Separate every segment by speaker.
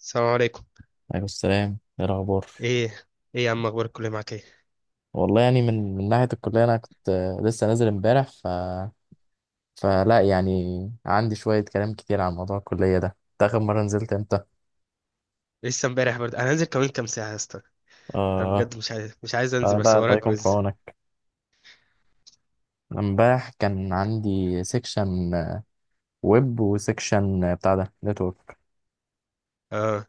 Speaker 1: السلام عليكم.
Speaker 2: عليكم السلام، ايه الاخبار؟
Speaker 1: ايه ايه يا عم، اخبار الكليه معاك ايه؟
Speaker 2: والله يعني، من ناحيه الكليه انا كنت لسه نازل امبارح. ف فلا يعني عندي شويه كلام كتير عن موضوع الكليه ده. انت اخر مره نزلت امتى؟
Speaker 1: لسه امبارح برضه، انا هنزل كمان كام ساعه يا اسطى. انا
Speaker 2: اه.
Speaker 1: بجد مش عايز انزل بس
Speaker 2: لا،
Speaker 1: ورايا
Speaker 2: الله يكون في
Speaker 1: كويز.
Speaker 2: عونك. امبارح كان عندي سيكشن ويب، وسيكشن بتاع ده نتورك.
Speaker 1: اه،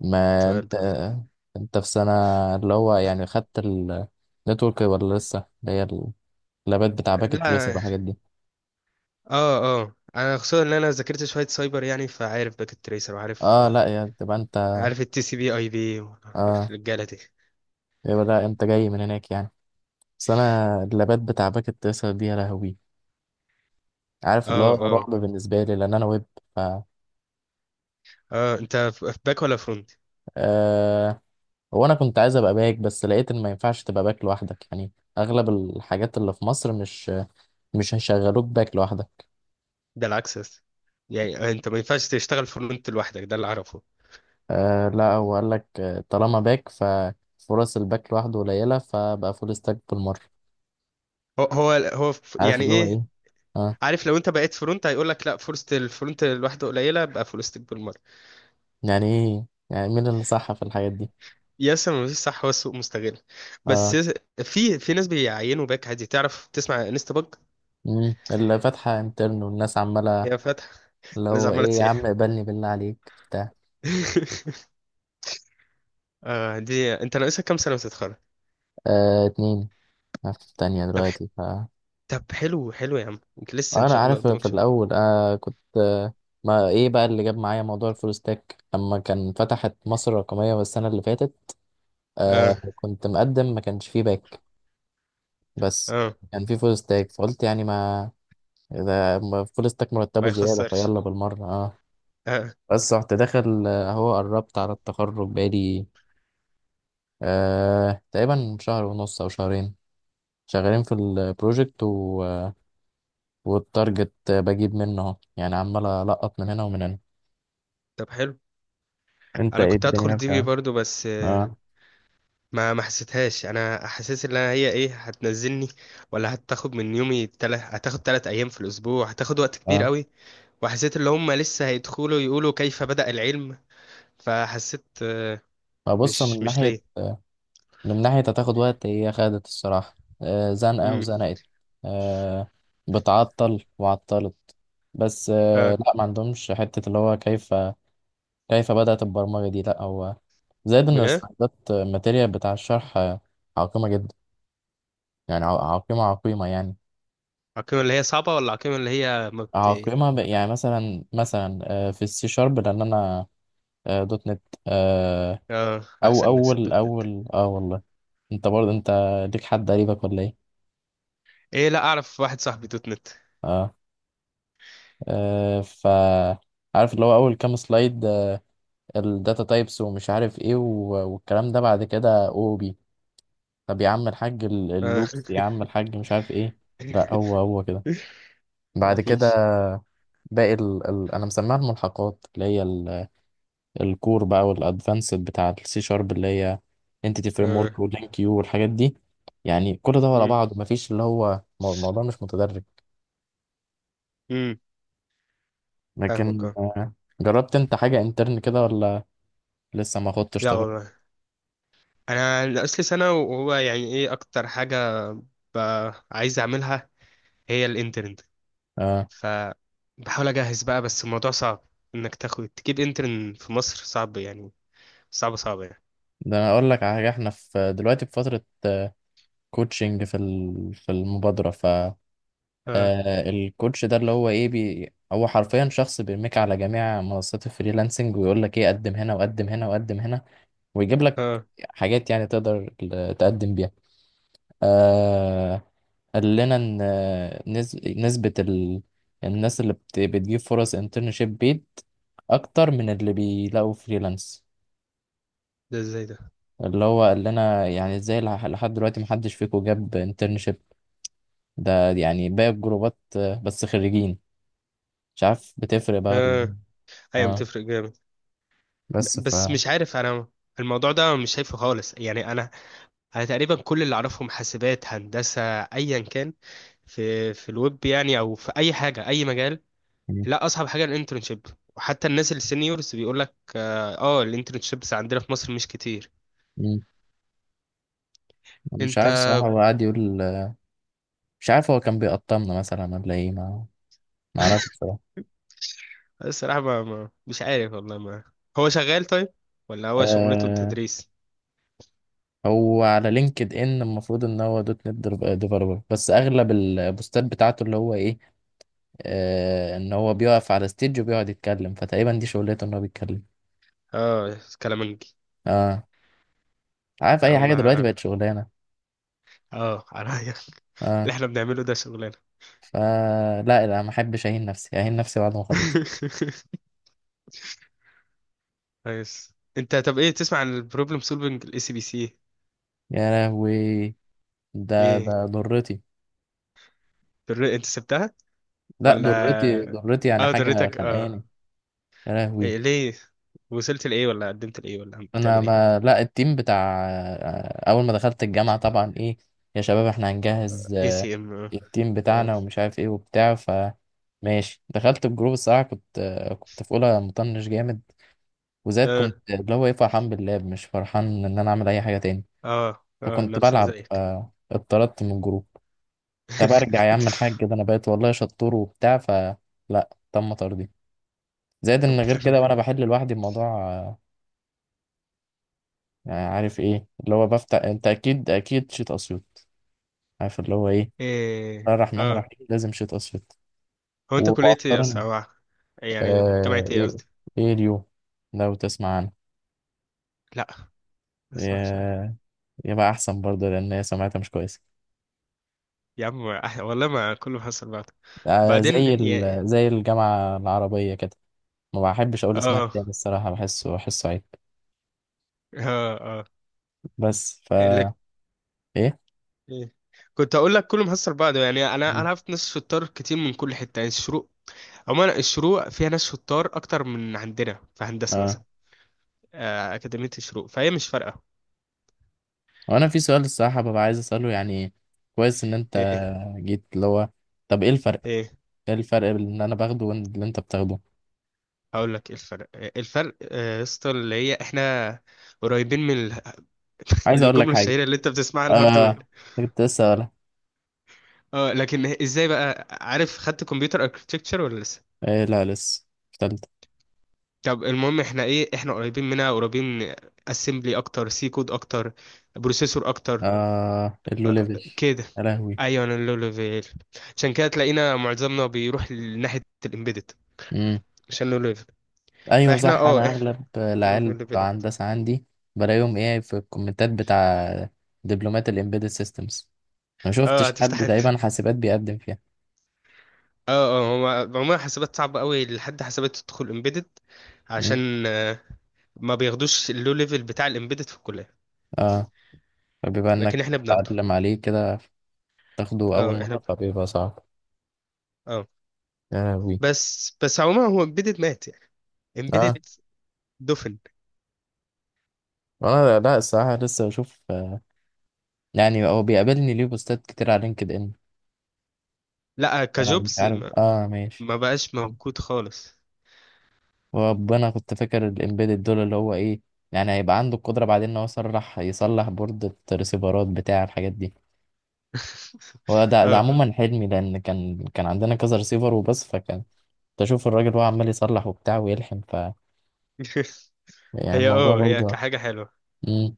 Speaker 2: ما
Speaker 1: تمام،
Speaker 2: انت
Speaker 1: دور.
Speaker 2: انت في سنه اللي هو يعني خدت النتورك، ولا لسه اللي هي اللابات بتاع باكت تريسر
Speaker 1: لا.
Speaker 2: والحاجات دي؟
Speaker 1: اه اه، انا خصوصا ان انا ذاكرت شويه سايبر يعني فعارف باكيت تريسر وعارف
Speaker 2: اه، لا يا تبقى انت.
Speaker 1: عارف التي سي بي اي بي
Speaker 2: اه.
Speaker 1: الرجاله دي.
Speaker 2: يبقى لا انت جاي من هناك يعني. بس انا اللابات بتاع باك التسعة دي، يا لهوي. عارف اللي
Speaker 1: اه
Speaker 2: هو
Speaker 1: اه
Speaker 2: رعب بالنسبه لي لان انا ويب. ف
Speaker 1: اه، انت في باك ولا فرونت؟
Speaker 2: أه... وانا كنت عايز ابقى باك، بس لقيت ان ما ينفعش تبقى باك لوحدك يعني. اغلب الحاجات اللي في مصر، مش هيشغلوك باك لوحدك.
Speaker 1: ده العكس يا اسطى، يعني انت ما ينفعش تشتغل فرونت لوحدك، ده اللي اعرفه.
Speaker 2: لا، هو قال لك طالما باك ففرص الباك لوحده قليله، فبقى فول ستاك بالمره. عارف
Speaker 1: يعني
Speaker 2: اللي هو
Speaker 1: ايه؟
Speaker 2: ايه. اه.
Speaker 1: عارف لو انت بقيت فرونت هيقول لك لا فرصة الفرونت لوحده قليلة يبقى فول ستاك بالمرة.
Speaker 2: يعني ايه، يعني مين اللي صح في الحاجات دي؟
Speaker 1: يس، ما فيش صح، هو السوق مستغل بس
Speaker 2: اه.
Speaker 1: يس. في ناس بيعينوا باك عادي، تعرف تسمع انستا باج.
Speaker 2: مم. اللي فاتحه انترن والناس عماله.
Speaker 1: هي فاتحة،
Speaker 2: اللي
Speaker 1: لسه
Speaker 2: هو
Speaker 1: عمالة
Speaker 2: ايه يا
Speaker 1: تسيح.
Speaker 2: عم، اقبلني بالله عليك بتاع.
Speaker 1: آه دي، انت ناقصك كام سنة وتتخرج؟
Speaker 2: اتنين. أنا في التانية
Speaker 1: طب ح-
Speaker 2: دلوقتي. ف
Speaker 1: طب حلو حلو يا عم، انت لسه ان
Speaker 2: أنا
Speaker 1: شاء الله
Speaker 2: عارف،
Speaker 1: قدامك
Speaker 2: في
Speaker 1: شوية.
Speaker 2: الأول كنت ما إيه بقى اللي جاب معايا موضوع الفول ستاك لما كان فتحت مصر الرقمية والسنة اللي فاتت.
Speaker 1: اه
Speaker 2: كنت مقدم، ما كانش فيه باك، بس
Speaker 1: اه.
Speaker 2: كان فيه فول ستاك، فقلت يعني، ما إذا ما فول ستاك
Speaker 1: ما
Speaker 2: مرتبه زيادة،
Speaker 1: يخسرش.
Speaker 2: فيلا بالمرة.
Speaker 1: اه.
Speaker 2: بس رحت داخل أهو قربت على التخرج، بقالي تقريبا شهر ونص أو شهرين شغالين في البروجكت. والتارجت بجيب منه اهو، يعني عمال ألقط من هنا ومن هنا.
Speaker 1: طب حلو.
Speaker 2: انت
Speaker 1: انا
Speaker 2: ايه
Speaker 1: كنت هدخل
Speaker 2: الدنيا
Speaker 1: دي بي
Speaker 2: بتاع؟
Speaker 1: برضو، بس
Speaker 2: اه
Speaker 1: ما حسيتهاش، انا حاسس ان أنا هي ايه هتنزلني ولا هتاخد من يومي، هتاخد تلات ايام في الاسبوع، هتاخد وقت كبير
Speaker 2: اه.
Speaker 1: قوي. وحسيت ان هم لسه هيدخلوا يقولوا كيف بدأ العلم، فحسيت
Speaker 2: فبص،
Speaker 1: مش
Speaker 2: من
Speaker 1: مش
Speaker 2: ناحية،
Speaker 1: ليه.
Speaker 2: من ناحية هتاخد وقت، هي خدت الصراحة زنقة
Speaker 1: امم.
Speaker 2: وزنقت. آه بتعطل وعطلت. بس
Speaker 1: اه،
Speaker 2: لا، ما عندهمش حتة اللي هو كيف. كيف بدأت البرمجة دي؟ لا، هو زائد ان
Speaker 1: بجد.
Speaker 2: السلايدات الماتيريال بتاع الشرح عقيمة جدا. يعني عقيمة عقيمة يعني.
Speaker 1: العقيمة اللي هي صعبة ولا العقيمة اللي هي ما بت؟
Speaker 2: عقيمة، يعني مثلا مثلا في السي شارب، لان انا دوت نت
Speaker 1: اه،
Speaker 2: او
Speaker 1: احسن ناس
Speaker 2: اول
Speaker 1: الدوت نت.
Speaker 2: اول اه والله. انت برضه انت ليك حد قريبك ولا ايه؟
Speaker 1: ايه، لا اعرف واحد صاحبي دوت نت.
Speaker 2: اه، آه ف عارف اللي هو اول كام سلايد الداتا تايبس ومش عارف ايه، والكلام ده. بعد كده او بي، طب يا عم الحاج،
Speaker 1: اه.
Speaker 2: اللوبس، يا عم الحاج مش عارف ايه. لا هو هو كده. بعد كده
Speaker 1: مفيش.
Speaker 2: باقي انا مسميها الملحقات، اللي هي الكور بقى والادفانسد بتاع السي شارب، اللي هي انتيتي فريم ورك
Speaker 1: اه.
Speaker 2: ولينك كيو والحاجات دي. يعني كل ده ورا
Speaker 1: امم.
Speaker 2: بعض، مفيش اللي هو الموضوع مش متدرج.
Speaker 1: امم. فاهمك،
Speaker 2: لكن
Speaker 1: اه.
Speaker 2: جربت انت حاجة انترن كده، ولا لسه ما خدتش
Speaker 1: لا
Speaker 2: تجربة؟
Speaker 1: والله، انا ناقص لي سنه وهو يعني ايه اكتر حاجه عايز اعملها هي الانترن.
Speaker 2: اه،
Speaker 1: ف بحاول اجهز بقى بس الموضوع صعب، انك تاخد تجيب انترن في مصر صعب يعني، صعب صعب يعني.
Speaker 2: ده انا اقول لك على حاجة. احنا في دلوقتي في فترة كوتشنج في في المبادرة. ف
Speaker 1: اه
Speaker 2: الكوتش ده اللي هو ايه بي، هو حرفيا شخص بيرميك على جميع منصات الفريلانسنج، ويقول لك ايه، قدم هنا وقدم هنا وقدم هنا، ويجيب لك
Speaker 1: اه.
Speaker 2: حاجات يعني تقدر تقدم بيها. آه قال لنا ان نسبة الناس اللي بتجيب فرص انترنشيب بيد اكتر من اللي بيلاقوا فريلانس.
Speaker 1: ده ازاي ده؟
Speaker 2: اللي هو قال لنا يعني ازاي لحد دلوقتي محدش فيكم جاب انترنشيب؟ ده يعني باقي الجروبات بس خريجين. مش عارف بتفرق بقى ولا إيه.
Speaker 1: اه. ايوه،
Speaker 2: اه.
Speaker 1: بتفرق جامد.
Speaker 2: بس ف
Speaker 1: بس مش عارف، انا الموضوع ده مش شايفه خالص يعني، انا تقريبا كل اللي اعرفهم حاسبات هندسه ايا كان في الويب يعني او في اي حاجه اي مجال.
Speaker 2: م-
Speaker 1: لا، اصعب حاجه الانترنشيب، وحتى الناس السينيورز بيقول لك اه الانترنشيبس عندنا في مصر مش كتير.
Speaker 2: م- مش
Speaker 1: انت
Speaker 2: عارف صراحة، هو قاعد يقول. مش عارف، هو كان بيقطمنا مثلا ولا ايه، ما اعرفش.
Speaker 1: الصراحه ما مش عارف والله ما. هو شغال طيب ولا هو شغلته
Speaker 2: آه،
Speaker 1: التدريس؟
Speaker 2: هو على لينكد ان المفروض ان هو دوت نت ديفلوبر، بس اغلب البوستات بتاعته اللي هو ايه، آه ان هو بيقف على ستيج وبيقعد يتكلم. فتقريبا دي شغلته، ان هو بيتكلم.
Speaker 1: اه، كلامنجي.
Speaker 2: اه. عارف
Speaker 1: لا
Speaker 2: اي حاجه دلوقتي
Speaker 1: ما.
Speaker 2: بقت شغلانه.
Speaker 1: اه عليا.
Speaker 2: اه.
Speaker 1: اللي احنا بنعمله ده شغلانه.
Speaker 2: فلا، لا، لا، ما احبش اهين نفسي، اهين نفسي بعد ما اخلص.
Speaker 1: كويس انت، طب ايه تسمع عن البروبلم سولفنج الاي سي بي سي؟
Speaker 2: يا لهوي، ده
Speaker 1: ايه؟
Speaker 2: ده ضرتي.
Speaker 1: انت سبتها
Speaker 2: لا، ضرتي
Speaker 1: ولا؟
Speaker 2: ضرتي يعني،
Speaker 1: اه،
Speaker 2: حاجه
Speaker 1: دريتك اه.
Speaker 2: خانقاني. يا لهوي.
Speaker 1: إيه ليه؟ وصلت لايه ولا قدمت لايه ولا
Speaker 2: انا،
Speaker 1: بتعمل ايه؟
Speaker 2: ما لا، التيم بتاع اول ما دخلت الجامعه طبعا ايه، يا شباب احنا هنجهز
Speaker 1: اي سي ام. اه
Speaker 2: التيم
Speaker 1: اه.
Speaker 2: بتاعنا ومش عارف ايه وبتاع. ف ماشي، دخلت الجروب الصراحه، كنت كنت في اولى مطنش جامد، وزاد
Speaker 1: اه
Speaker 2: كنت اللي هو ايه، فرحان باللعب، مش فرحان ان انا اعمل اي حاجه تاني.
Speaker 1: اه
Speaker 2: فكنت
Speaker 1: نفس
Speaker 2: بلعب
Speaker 1: زيك.
Speaker 2: اتطردت من الجروب. طب ارجع يا عم الحاج، ده انا بقيت والله شطور وبتاع، فلا، تم طردي. زائد ان
Speaker 1: طب
Speaker 2: غير كده،
Speaker 1: تمام.
Speaker 2: وانا بحل لوحدي الموضوع يعني عارف ايه اللي هو بفتح، انت اكيد اكيد شيت اسيوط. عارف اللي هو ايه، بسم الله
Speaker 1: ايه،
Speaker 2: الرحمن
Speaker 1: اه.
Speaker 2: الرحيم، لازم شيت اسود.
Speaker 1: هو انت كلية ايه اصلا،
Speaker 2: ومؤخرا
Speaker 1: أو يعني جامعة
Speaker 2: آه،
Speaker 1: ايه
Speaker 2: ايه
Speaker 1: قصدي؟
Speaker 2: ايه اليو؟ لو تسمع عنه
Speaker 1: لا، ما اسمعش انا.
Speaker 2: آه، يبقى احسن برضه، لان هي سمعتها مش كويسه.
Speaker 1: يا عم والله ما كله حصل بعض.
Speaker 2: آه،
Speaker 1: بعدين
Speaker 2: زي
Speaker 1: يا...
Speaker 2: زي الجامعه العربيه كده. ما بحبش اقول اسمها
Speaker 1: اه
Speaker 2: تاني الصراحه، بحسه، بحسه عيب.
Speaker 1: اه
Speaker 2: بس فا،
Speaker 1: اه لك.
Speaker 2: ايه؟
Speaker 1: إيه؟ كنت اقول لك كله محصل بعضه يعني، انا انا عرفت ناس شطار كتير من كل حته، يعني الشروق، عموما الشروق فيها ناس شطار اكتر من عندنا في هندسه مثلا،
Speaker 2: اه.
Speaker 1: اكاديميه الشروق، فهي مش فارقه.
Speaker 2: وانا في سؤال الصراحه، ببقى عايز اساله يعني. كويس ان انت
Speaker 1: ايه،
Speaker 2: جيت اللي هو، طب ايه الفرق؟
Speaker 1: ايه.
Speaker 2: ايه الفرق بين اللي انا باخده واللي انت بتاخده؟
Speaker 1: هقول لك ايه الفرق، إيه الفرق يا اسطى، اللي هي احنا قريبين من ال-.
Speaker 2: عايز اقول لك
Speaker 1: الجمله
Speaker 2: حاجه.
Speaker 1: الشهيره اللي انت بتسمعها،
Speaker 2: اه
Speaker 1: الهاردوير.
Speaker 2: كنت لسه.
Speaker 1: اه، لكن ازاي بقى؟ عارف خدت كمبيوتر اركتكتشر ولا لسه؟
Speaker 2: إيه، لا لسه، في تالتة.
Speaker 1: طب المهم احنا ايه؟ احنا قريبين منها، قريبين من اسمبلي اكتر، سي كود اكتر، بروسيسور اكتر.
Speaker 2: آه، اللو ليفل.
Speaker 1: كده.
Speaker 2: يا لهوي.
Speaker 1: ايوه، انا اللو ليفل، عشان كده تلاقينا معظمنا بيروح لناحيه الامبيدد،
Speaker 2: مم.
Speaker 1: عشان لو ليفل.
Speaker 2: أيوة
Speaker 1: فاحنا
Speaker 2: صح،
Speaker 1: اه،
Speaker 2: أنا
Speaker 1: احنا
Speaker 2: أغلب
Speaker 1: لو
Speaker 2: العيال
Speaker 1: ليفل
Speaker 2: بتوع
Speaker 1: اكتر.
Speaker 2: هندسة عندي بلاقيهم إيه في الكومنتات بتاع دبلومات الإمبيدد سيستمز. ما
Speaker 1: اه،
Speaker 2: شفتش
Speaker 1: هتفتح
Speaker 2: حد
Speaker 1: انت.
Speaker 2: تقريبا حاسبات بيقدم فيها.
Speaker 1: اه اه. هو عموما حسابات صعبة قوي، لحد حسابات تدخل امبيدد،
Speaker 2: مم.
Speaker 1: عشان ما بياخدوش اللو ليفل بتاع الامبيدد في الكلية.
Speaker 2: آه، فبيبقى
Speaker 1: لكن
Speaker 2: إنك
Speaker 1: احنا بناخده.
Speaker 2: تتعلم عليه كده، تاخده أول
Speaker 1: اه احنا
Speaker 2: مرة،
Speaker 1: بناخده.
Speaker 2: فبيبقى صعب.
Speaker 1: اه.
Speaker 2: يا لهوي.
Speaker 1: بس بس عموما هو امبيدد مات يعني،
Speaker 2: آه.
Speaker 1: امبيدد دفن.
Speaker 2: أنا لا، الصراحة لسه بشوف يعني هو بيقابلني ليه بوستات كتير على لينكد إن.
Speaker 1: لا
Speaker 2: آه مش
Speaker 1: كجوبز
Speaker 2: عارف، آه ماشي.
Speaker 1: ما بقاش موجود خالص.
Speaker 2: وانا كنت فاكر الامبيدد دول اللي هو ايه، يعني هيبقى عنده القدرة بعدين ان هو يصلح بوردة ريسيفرات بتاع الحاجات دي. هو ده،
Speaker 1: اه
Speaker 2: عموما حلمي، لان كان عندنا كذا ريسيفر وبس. فكان تشوف الراجل وهو عمال يصلح وبتاع ويلحم. ف يعني
Speaker 1: هي
Speaker 2: الموضوع
Speaker 1: اه، هي
Speaker 2: برضه
Speaker 1: كحاجة حلوة.
Speaker 2: امم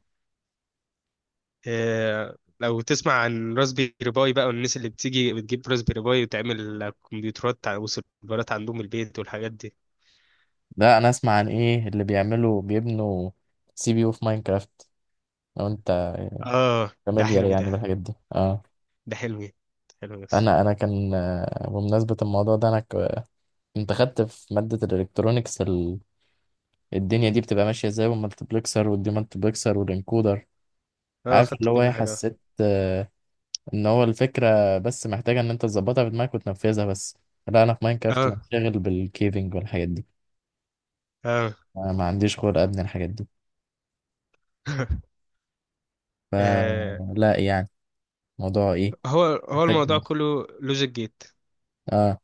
Speaker 1: لو تسمع عن راسبيري باي بقى، والناس اللي بتيجي بتجيب راسبيري باي وتعمل كمبيوترات وسيرفرات عندهم البيت والحاجات دي.
Speaker 2: ده انا اسمع عن ايه اللي بيعملوا، بيبنوا سي بي يو في ماينكرافت. لو انت
Speaker 1: اه، ده
Speaker 2: فاميليار
Speaker 1: حلمي
Speaker 2: يعني
Speaker 1: ده.
Speaker 2: بالحاجات دي. اه.
Speaker 1: ده حلمي، حلمي بس.
Speaker 2: انا كان بمناسبة الموضوع ده انا كنت خدت في مادة الالكترونيكس، الدنيا دي
Speaker 1: مم.
Speaker 2: بتبقى ماشية ازاي، والمالتبلكسر والديمالتبلكسر والانكودر.
Speaker 1: اه
Speaker 2: عارف
Speaker 1: خدت
Speaker 2: اللي هو ايه،
Speaker 1: كل حاجة.
Speaker 2: حسيت ان هو الفكرة بس محتاجة ان انت تظبطها في دماغك وتنفذها بس. لا انا في ماينكرافت
Speaker 1: اه
Speaker 2: بنشغل بالكيفنج والحاجات دي.
Speaker 1: اه.
Speaker 2: أنا ما عنديش خلق ابني الحاجات دي.
Speaker 1: آه،
Speaker 2: فلا يعني، موضوع ايه،
Speaker 1: هو
Speaker 2: محتاج
Speaker 1: الموضوع
Speaker 2: مخ.
Speaker 1: كله لوجيك جيت.
Speaker 2: اه.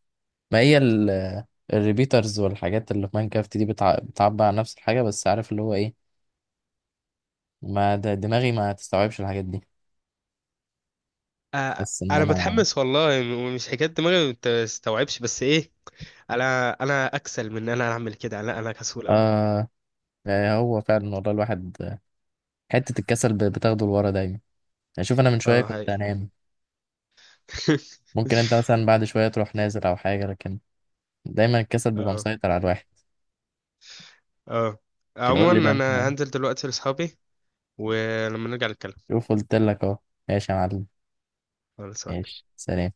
Speaker 2: ما هي الريبيترز والحاجات اللي في ماينكرافت دي بتعبر عن نفس الحاجة، بس عارف اللي هو ايه، ما ده دماغي ما تستوعبش الحاجات دي.
Speaker 1: آه،
Speaker 2: بس ان
Speaker 1: انا
Speaker 2: انا
Speaker 1: متحمس والله. مش حكاية دماغي ما تستوعبش، بس ايه، انا اكسل من ان انا اعمل كده، لا انا كسول قوي.
Speaker 2: آه يعني هو فعلا والله، الواحد حتة الكسل بتاخده لورا دايما. يعني شوف، أنا من شوية
Speaker 1: اه
Speaker 2: كنت
Speaker 1: هاي.
Speaker 2: أنام. ممكن أنت مثلا بعد شوية تروح نازل أو حاجة، لكن دايما الكسل بيبقى
Speaker 1: اه
Speaker 2: مسيطر على الواحد.
Speaker 1: اه،
Speaker 2: كده قول لي بقى
Speaker 1: عموما
Speaker 2: أنت.
Speaker 1: انا هنزل دلوقتي لاصحابي، ولما نرجع نتكلم.
Speaker 2: شوف، قلت لك أهو. ماشي يا معلم،
Speaker 1: خلاص، أوكي.
Speaker 2: ماشي، سلام.